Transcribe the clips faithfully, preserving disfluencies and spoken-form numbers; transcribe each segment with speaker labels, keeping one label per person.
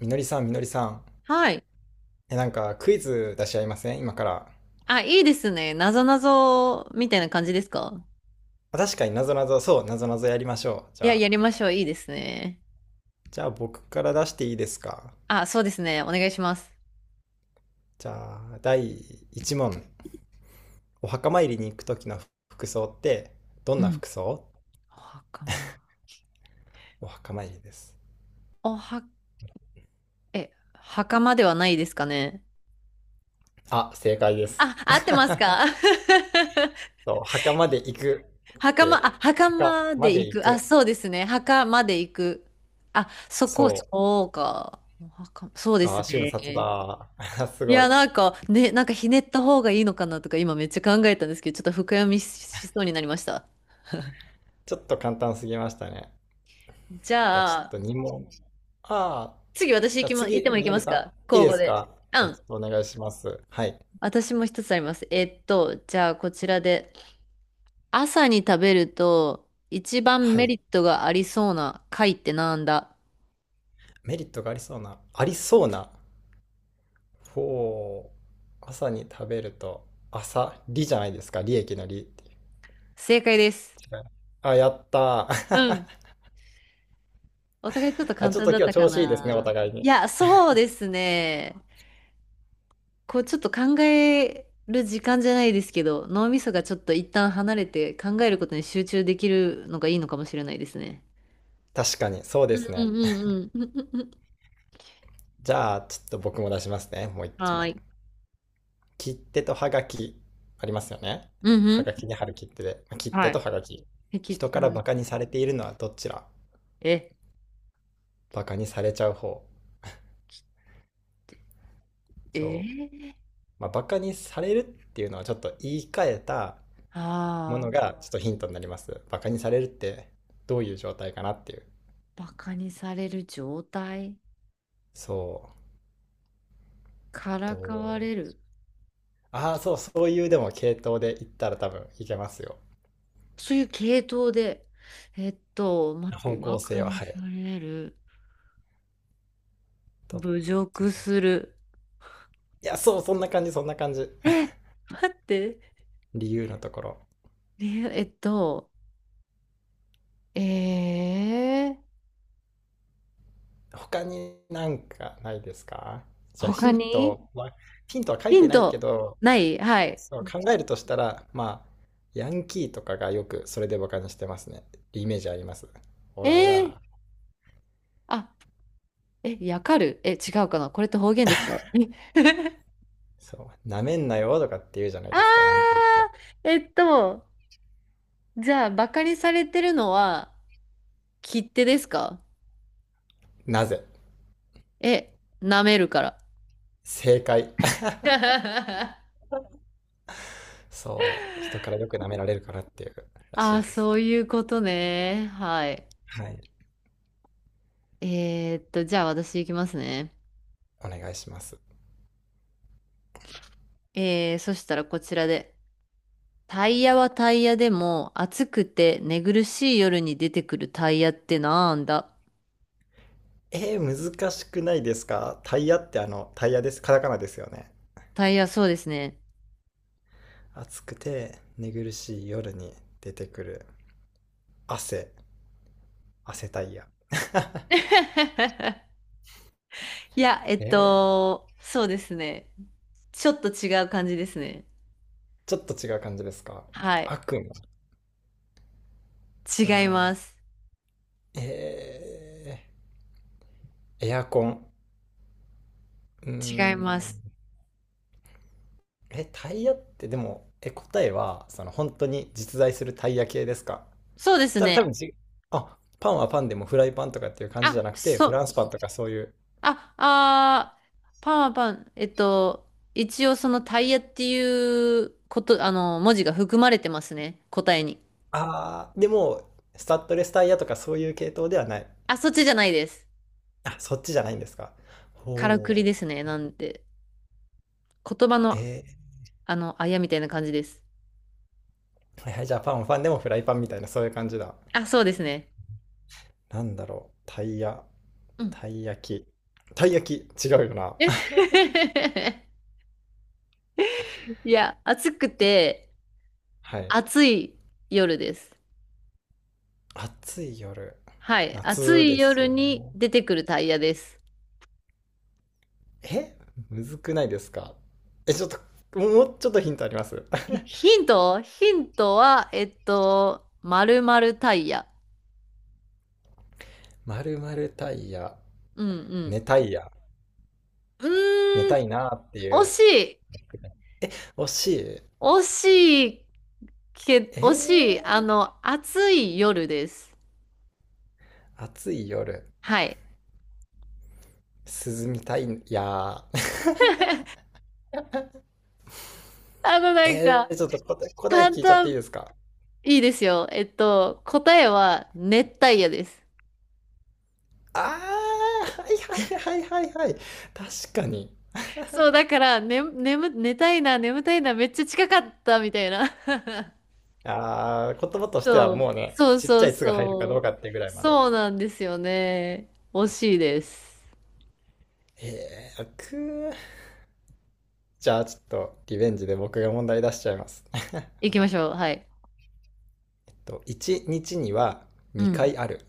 Speaker 1: みのりさん、みのりさん。
Speaker 2: はい。
Speaker 1: え、なんかクイズ出し合いません今から？
Speaker 2: あ、いいですね。なぞなぞみたいな感じですか？
Speaker 1: あ確かになぞなぞ、そう、なぞなぞやりましょう。じ
Speaker 2: い
Speaker 1: ゃ
Speaker 2: や、
Speaker 1: あ、
Speaker 2: やりましょう。いいですね。
Speaker 1: じゃあ僕から出していいですか？
Speaker 2: あ、そうですね。お願いします。
Speaker 1: じゃあ、だいいちもん問。お墓参りに行く時の服装って、どん
Speaker 2: う
Speaker 1: な
Speaker 2: ん。
Speaker 1: 服装？
Speaker 2: お袴に。
Speaker 1: お墓参りです。
Speaker 2: おは、え、袴ではないですかね。
Speaker 1: あ、正解です。
Speaker 2: あ、合ってますか？
Speaker 1: そう、墓まで行くっ
Speaker 2: 袴、
Speaker 1: て、
Speaker 2: あ、
Speaker 1: 墓
Speaker 2: 袴
Speaker 1: ま
Speaker 2: で
Speaker 1: で
Speaker 2: 行
Speaker 1: 行
Speaker 2: く。あ、
Speaker 1: く。
Speaker 2: そうですね。袴で行く。あ、そこ、
Speaker 1: そう。
Speaker 2: そうか。お墓そうで
Speaker 1: あ
Speaker 2: す
Speaker 1: ー、瞬殺
Speaker 2: ね。
Speaker 1: だ。す
Speaker 2: い
Speaker 1: ご
Speaker 2: や、
Speaker 1: い。
Speaker 2: なんか、ね、なんかひねった方がいいのかなとか、今めっちゃ考えたんですけど、ちょっと深読みししそうになりました。
Speaker 1: ちょっと簡単すぎましたね。
Speaker 2: じ
Speaker 1: じゃあちょ
Speaker 2: ゃ
Speaker 1: っと
Speaker 2: あ、
Speaker 1: にもん問。ああ、
Speaker 2: 次私
Speaker 1: じ
Speaker 2: 行
Speaker 1: ゃあ
Speaker 2: きま、行っ
Speaker 1: 次、
Speaker 2: て
Speaker 1: え
Speaker 2: も行
Speaker 1: み
Speaker 2: き
Speaker 1: の
Speaker 2: ま
Speaker 1: り
Speaker 2: す
Speaker 1: さ
Speaker 2: か？
Speaker 1: ん、いい
Speaker 2: 交
Speaker 1: で
Speaker 2: 互
Speaker 1: す
Speaker 2: で。
Speaker 1: か？
Speaker 2: う
Speaker 1: じゃあち
Speaker 2: ん。
Speaker 1: ょっとお願いします。はい。
Speaker 2: 私も一つあります。えっと、じゃあこちらで。朝に食べると一番
Speaker 1: は
Speaker 2: メ
Speaker 1: い。
Speaker 2: リットがありそうな貝ってなんだ？
Speaker 1: メリットがありそうな、ありそうな。ほう。朝に食べると、朝、利じゃないですか。利益の利ってい
Speaker 2: 正解です。
Speaker 1: う。違う？あ、やった
Speaker 2: うん。
Speaker 1: ー。
Speaker 2: お互いちょっと
Speaker 1: あ、
Speaker 2: 簡
Speaker 1: ちょっ
Speaker 2: 単
Speaker 1: と
Speaker 2: だっ
Speaker 1: 今
Speaker 2: た
Speaker 1: 日
Speaker 2: か
Speaker 1: 調子いいですね、お
Speaker 2: な。
Speaker 1: 互い
Speaker 2: い
Speaker 1: に。
Speaker 2: や、そうですね。こうちょっと考える時間じゃないですけど、脳みそがちょっと一旦離れて考えることに集中できるのがいいのかもしれないですね。
Speaker 1: 確かに、そう
Speaker 2: う
Speaker 1: で
Speaker 2: ん
Speaker 1: す
Speaker 2: う
Speaker 1: ね。
Speaker 2: んうんうん。
Speaker 1: じゃあ、ちょっと僕も出しますね。もう 一
Speaker 2: はー
Speaker 1: 問。
Speaker 2: い。
Speaker 1: 切手とはがき、ありますよね。
Speaker 2: うんう
Speaker 1: はが
Speaker 2: ん。
Speaker 1: きに貼る切手で。切
Speaker 2: は
Speaker 1: 手
Speaker 2: い。
Speaker 1: とはがき。
Speaker 2: 敵っ
Speaker 1: 人
Speaker 2: てた
Speaker 1: から
Speaker 2: ぬ
Speaker 1: バカに
Speaker 2: き。
Speaker 1: されているのはどちら？
Speaker 2: え、
Speaker 1: バカにされちゃう方。
Speaker 2: え
Speaker 1: そう、
Speaker 2: ー、
Speaker 1: まあ、バカにされるっていうのはちょっと言い換えたもの
Speaker 2: ああ、
Speaker 1: がちょっとヒントになります。バカにされるってどういう状態かなっていう。
Speaker 2: バカにされる状態。
Speaker 1: そう
Speaker 2: からかわ
Speaker 1: と、
Speaker 2: れる。
Speaker 1: ああ、そう、そういうでも系統で言ったら多分いけますよ。
Speaker 2: そういう系統で。えっと、待って、
Speaker 1: 方向
Speaker 2: バカ
Speaker 1: 性は？
Speaker 2: に
Speaker 1: はい。
Speaker 2: される。
Speaker 1: と。
Speaker 2: 侮辱する。
Speaker 1: いや、そう、そんな感じそんな感じ。
Speaker 2: え、待って。
Speaker 1: 理由のところ。
Speaker 2: ねえっと、えー、
Speaker 1: 他になんかないですか？じゃあヒ
Speaker 2: 他
Speaker 1: ン
Speaker 2: に
Speaker 1: トはヒントは書い
Speaker 2: ヒ
Speaker 1: て
Speaker 2: ン
Speaker 1: ないけ
Speaker 2: ト、
Speaker 1: ど。
Speaker 2: ないはい。
Speaker 1: そう考えるとしたら、まあ、ヤンキーとかがよくそれでバカにしてますね。イメージあります。オ
Speaker 2: え
Speaker 1: ラオ
Speaker 2: ー、
Speaker 1: ラ。
Speaker 2: あ、え、やかる、え、違うかな、これって方言ですか？え
Speaker 1: そう、なめんなよとかって言うじゃないですか、ヤンキーっ
Speaker 2: あ
Speaker 1: て。
Speaker 2: ー、えっと、じゃあ、バカにされてるのは、切手ですか？
Speaker 1: なぜ？
Speaker 2: え、舐めるから。
Speaker 1: 正解。そう、人からよく舐められるからっていうら
Speaker 2: あ
Speaker 1: しい
Speaker 2: あ、
Speaker 1: です
Speaker 2: そう
Speaker 1: ね。
Speaker 2: いうことね。はい。
Speaker 1: はい、
Speaker 2: えーっと、じゃあ私行きますね。
Speaker 1: お願いします。
Speaker 2: えー、そしたらこちらで。タイヤはタイヤでも、暑くて寝苦しい夜に出てくるタイヤってなんだ？
Speaker 1: えー、難しくないですか？タイヤってあの、タイヤです。カタカナですよね。
Speaker 2: タイヤ、そうですね。
Speaker 1: 暑くて寝苦しい夜に出てくる汗。汗タイヤ。
Speaker 2: いや、えっ
Speaker 1: えー
Speaker 2: と、そうですね。ちょっと違う感じですね。
Speaker 1: ちょっと違う感じですか？
Speaker 2: はい。
Speaker 1: 悪夢。う
Speaker 2: 違い
Speaker 1: ん。
Speaker 2: ます。
Speaker 1: えー、エアコン。う
Speaker 2: 違いま
Speaker 1: ん。
Speaker 2: す。
Speaker 1: え、タイヤってでも、え、答えは、その本当に実在するタイヤ系ですか？
Speaker 2: そうです
Speaker 1: た
Speaker 2: ね。
Speaker 1: 多分じ、あ、パンはパンでもフライパンとかっていう感じじゃ
Speaker 2: あ、
Speaker 1: なくて、
Speaker 2: そ
Speaker 1: フラ
Speaker 2: う。
Speaker 1: ンスパンとかそういう。
Speaker 2: あ、あー、パンはパン。えっと、一応そのタイヤっていうこと、あの、文字が含まれてますね。答えに。
Speaker 1: あー、でも、スタッドレスタイヤとかそういう系統ではない。
Speaker 2: あ、そっちじゃないです。
Speaker 1: あ、そっちじゃないんですか。
Speaker 2: からく
Speaker 1: ほ
Speaker 2: り
Speaker 1: う。
Speaker 2: ですね。なんで、言葉の、
Speaker 1: え
Speaker 2: あの、あやみたいな感じです。
Speaker 1: ー、はいはい、じゃあパンはパンでもフライパンみたいな、そういう感じだ。
Speaker 2: あ、そうですね。
Speaker 1: なんだろう、タイヤ。
Speaker 2: うん。
Speaker 1: たい焼き。たい焼き、違うよな。
Speaker 2: いや、暑くて、
Speaker 1: はい。
Speaker 2: 暑い夜です。
Speaker 1: 暑い夜。
Speaker 2: はい。暑
Speaker 1: 夏
Speaker 2: い
Speaker 1: です
Speaker 2: 夜
Speaker 1: よ
Speaker 2: に
Speaker 1: ね。
Speaker 2: 出てくるタイヤです。
Speaker 1: えむずくないですか？え、ちょっと、もうもうちょっとヒントあります。
Speaker 2: え ヒント、ヒントは、えっと、丸々タイヤ。
Speaker 1: まるまるタイヤ。
Speaker 2: うんうん。
Speaker 1: 寝たいや。
Speaker 2: う
Speaker 1: 寝
Speaker 2: ーん、
Speaker 1: たいなーってい
Speaker 2: 惜
Speaker 1: う。
Speaker 2: しい。
Speaker 1: 惜しい。
Speaker 2: 惜しいけ、
Speaker 1: え
Speaker 2: 惜しい。あ
Speaker 1: ー、
Speaker 2: の、暑い夜です。
Speaker 1: 暑い夜。
Speaker 2: はい。
Speaker 1: 涼みたいやー。
Speaker 2: あの、なん
Speaker 1: え
Speaker 2: か、
Speaker 1: ー、ちょっと答え、答え
Speaker 2: 簡
Speaker 1: 聞いちゃっていい
Speaker 2: 単、
Speaker 1: ですか？
Speaker 2: いいですよ。えっと、答えは熱帯夜です。
Speaker 1: あー、はいはいはいはいはい。確かに。
Speaker 2: そう、だから、ね、眠、寝たいな、眠たいな、めっちゃ近かったみたいな。
Speaker 1: ああ、言葉と しては
Speaker 2: そ
Speaker 1: もう
Speaker 2: う、
Speaker 1: ね、
Speaker 2: そう
Speaker 1: ちっち
Speaker 2: そ
Speaker 1: ゃ
Speaker 2: う
Speaker 1: い「つ」が入るかどう
Speaker 2: そう。
Speaker 1: かっていうぐらいまで。
Speaker 2: そうなんですよね。惜しいです。
Speaker 1: えー、くじゃあちょっとリベンジで僕が問題出しちゃいます。
Speaker 2: 行
Speaker 1: ま
Speaker 2: きま
Speaker 1: た。
Speaker 2: しょう。はい。
Speaker 1: と、いちにちにちには
Speaker 2: う
Speaker 1: 2
Speaker 2: ん、
Speaker 1: 回ある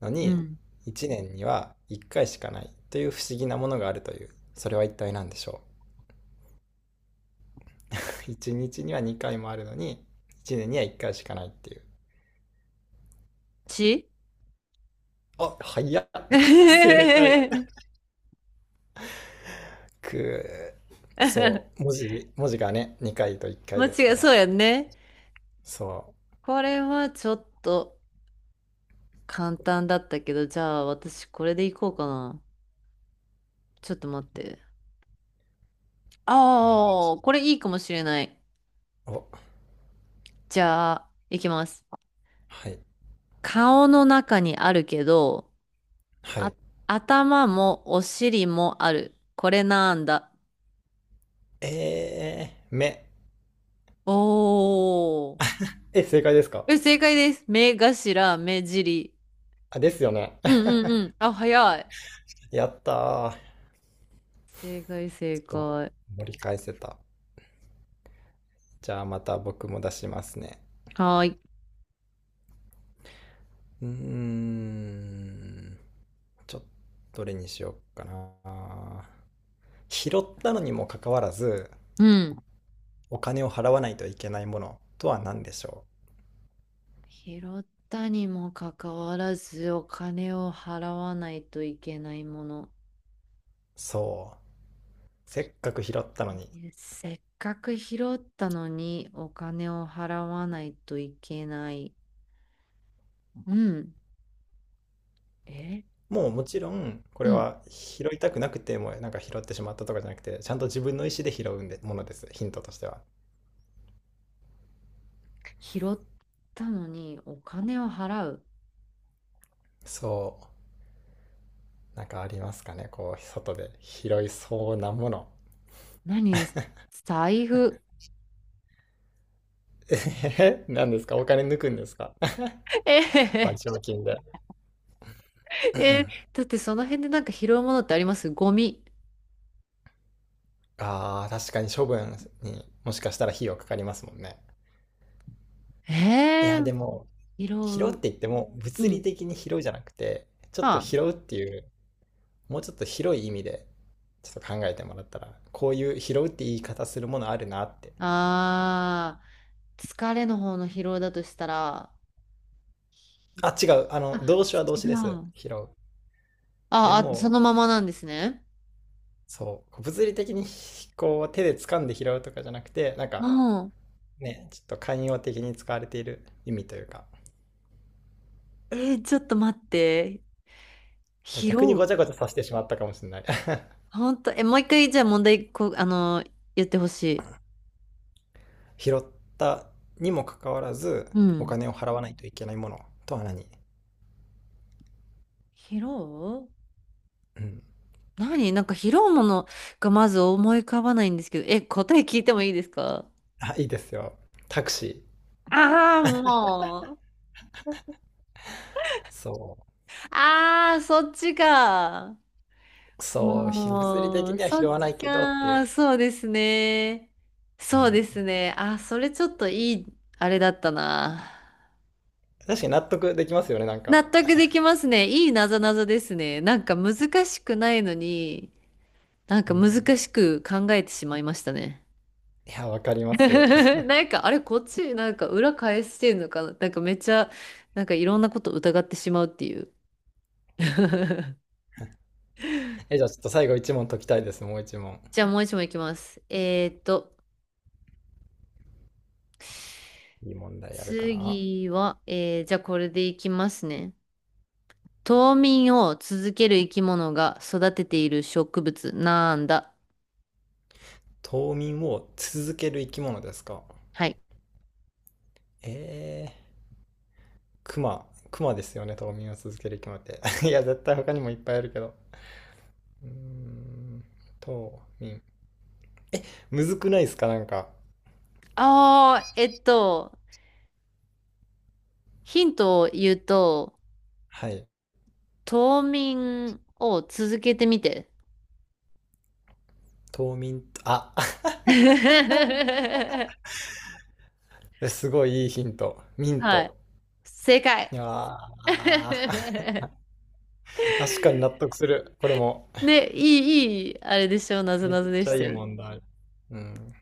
Speaker 1: の
Speaker 2: う
Speaker 1: に、
Speaker 2: ん。
Speaker 1: いちねんにはいっかいしかないという不思議なものがあるという。それは一体何でしょう？ いち 日にはにかいもあるのに、いちねんにはいっかいしかないっていう。
Speaker 2: ち
Speaker 1: あ、早っ。 正解。
Speaker 2: 間
Speaker 1: くー、そう、文字、文字がね、にかいといっかいです
Speaker 2: 違
Speaker 1: か
Speaker 2: い、
Speaker 1: ら。
Speaker 2: そうやんね。
Speaker 1: そう。
Speaker 2: これはちょっと簡単だったけど、じゃあ私これで行こうかな。ちょっと待って。
Speaker 1: お願い
Speaker 2: あ
Speaker 1: し
Speaker 2: あ、これいいかもしれない。
Speaker 1: ますお、
Speaker 2: じゃあ、行きます。
Speaker 1: はい。
Speaker 2: 顔の中にあるけど、
Speaker 1: は
Speaker 2: あ、
Speaker 1: い。
Speaker 2: 頭もお尻もある。これなんだ。
Speaker 1: えー、目。
Speaker 2: おー。
Speaker 1: え、正解ですか？
Speaker 2: え、正解です。目頭、目尻。
Speaker 1: あ、ですよね。
Speaker 2: うんうんうん。あ、早い。
Speaker 1: やったー。ちょ
Speaker 2: 正解、正
Speaker 1: っと、
Speaker 2: 解。
Speaker 1: 盛り返せた。じゃあまた僕も出しますね。
Speaker 2: はーい。
Speaker 1: うーん。ちょっと、どれにしようかな。拾ったのにもかかわらず、
Speaker 2: うん。
Speaker 1: お金を払わないといけないものとは何でしょ
Speaker 2: 拾ったにもかかわらず、お金を払わないといけないもの。
Speaker 1: う？そう。せっかく拾ったのに、
Speaker 2: せっかく拾ったのにお金を払わないといけない。うん。え
Speaker 1: もう、もちろん、こ
Speaker 2: う
Speaker 1: れ
Speaker 2: ん。
Speaker 1: は拾いたくなくても、なんか拾ってしまったとかじゃなくて、ちゃんと自分の意思で拾うんで、ものです。ヒントとしては。
Speaker 2: 拾ったのにお金を払う。
Speaker 1: そう。なんかありますかねこう、外で拾いそうなもの。
Speaker 2: 何財布。
Speaker 1: えへへ何ですか？お金抜くんですか？
Speaker 2: えへ
Speaker 1: 賠
Speaker 2: へ、
Speaker 1: 償金で。
Speaker 2: え、だってその辺でなんか拾うものってあります？ゴミ。
Speaker 1: ああ、確かに処分にもしかしたら費用かかりますもんね。い
Speaker 2: え
Speaker 1: や、
Speaker 2: ー、
Speaker 1: でも、
Speaker 2: 拾
Speaker 1: 拾うっ
Speaker 2: う。
Speaker 1: て言っても、
Speaker 2: う
Speaker 1: 物理
Speaker 2: ん。
Speaker 1: 的に拾うじゃなくて、ちょっ
Speaker 2: ま
Speaker 1: と拾うっていう、もうちょっと広い意味でちょっと考えてもらったら、こういう拾うって言い方するものあるなって。
Speaker 2: あー、疲れの方の疲労だとしたら、
Speaker 1: あ、違う。あ
Speaker 2: あ、
Speaker 1: の動詞は動
Speaker 2: 違
Speaker 1: 詞です、
Speaker 2: う。
Speaker 1: 拾う。で
Speaker 2: あ、あ、そ
Speaker 1: も、
Speaker 2: のままなんですね。
Speaker 1: そう、物理的にこう手で掴んで拾うとかじゃなくて、なん
Speaker 2: う
Speaker 1: か
Speaker 2: ん。
Speaker 1: ね、ちょっと寛容的に使われている意味というか。
Speaker 2: えー、ちょっと待って。疲
Speaker 1: 逆に
Speaker 2: 労。
Speaker 1: ごちゃごちゃさせてしまったかもしれない。
Speaker 2: ほんと、え、もう一回、じゃあ問題、こう、あの、言ってほしい。
Speaker 1: 拾ったにもかかわらず
Speaker 2: う
Speaker 1: お
Speaker 2: ん。
Speaker 1: 金を払わないといけないものとは何？
Speaker 2: 疲労、
Speaker 1: うん。
Speaker 2: 何なんか疲労ものがまず思い浮かばないんですけど、え、答え聞いてもいいですか？
Speaker 1: あ、いいですよ。タクシ
Speaker 2: ああー、もう。
Speaker 1: ー。そう
Speaker 2: ああ、そっちか。
Speaker 1: そう、ひ物理的
Speaker 2: もう、
Speaker 1: には
Speaker 2: そ
Speaker 1: 拾
Speaker 2: っ
Speaker 1: わな
Speaker 2: ち
Speaker 1: いけどっていう。
Speaker 2: か。そうですね。
Speaker 1: う
Speaker 2: そう
Speaker 1: ん。
Speaker 2: ですね。あ、それちょっといい、あれだったな。
Speaker 1: 確かに納得できますよね、なんか。
Speaker 2: 納得できますね。いいなぞなぞですね。なんか難しくないのに、なん
Speaker 1: う
Speaker 2: か
Speaker 1: ん。
Speaker 2: 難しく考えてしまいましたね。
Speaker 1: いや、わかりま す。
Speaker 2: なんか、あれ、こっち、なんか裏返してんのかな。なんかめっちゃ、なんかいろんなこと疑ってしまうっていう。
Speaker 1: え、じゃあちょっと最後一問解きたいです、もう一問。
Speaker 2: じゃあもう一問いきます。えーっと。
Speaker 1: いい問題やるかな。
Speaker 2: 次は、えー、じゃあこれでいきますね。冬眠を続ける生き物が育てている植物なんだ。
Speaker 1: 冬眠を続ける生き物ですか？
Speaker 2: はい。
Speaker 1: えー、クマ。クマですよね、冬眠を続ける生き物って。いや、絶対他にもいっぱいあるけど。うーん、冬眠。え、むずくないですか、なんか。
Speaker 2: ああ、えっと、ヒントを言うと、
Speaker 1: はい。
Speaker 2: 冬眠を続けてみて。
Speaker 1: 冬眠と、あ。 えすごいいいヒント。ミン
Speaker 2: はい。
Speaker 1: ト。
Speaker 2: 正解。
Speaker 1: いや ー、確かに納得する。これも。
Speaker 2: ね、いい、いい、あれでしょう、なぞ
Speaker 1: めっ
Speaker 2: なぞで
Speaker 1: ち
Speaker 2: し
Speaker 1: ゃい
Speaker 2: た
Speaker 1: い
Speaker 2: よね。
Speaker 1: 問題。うん。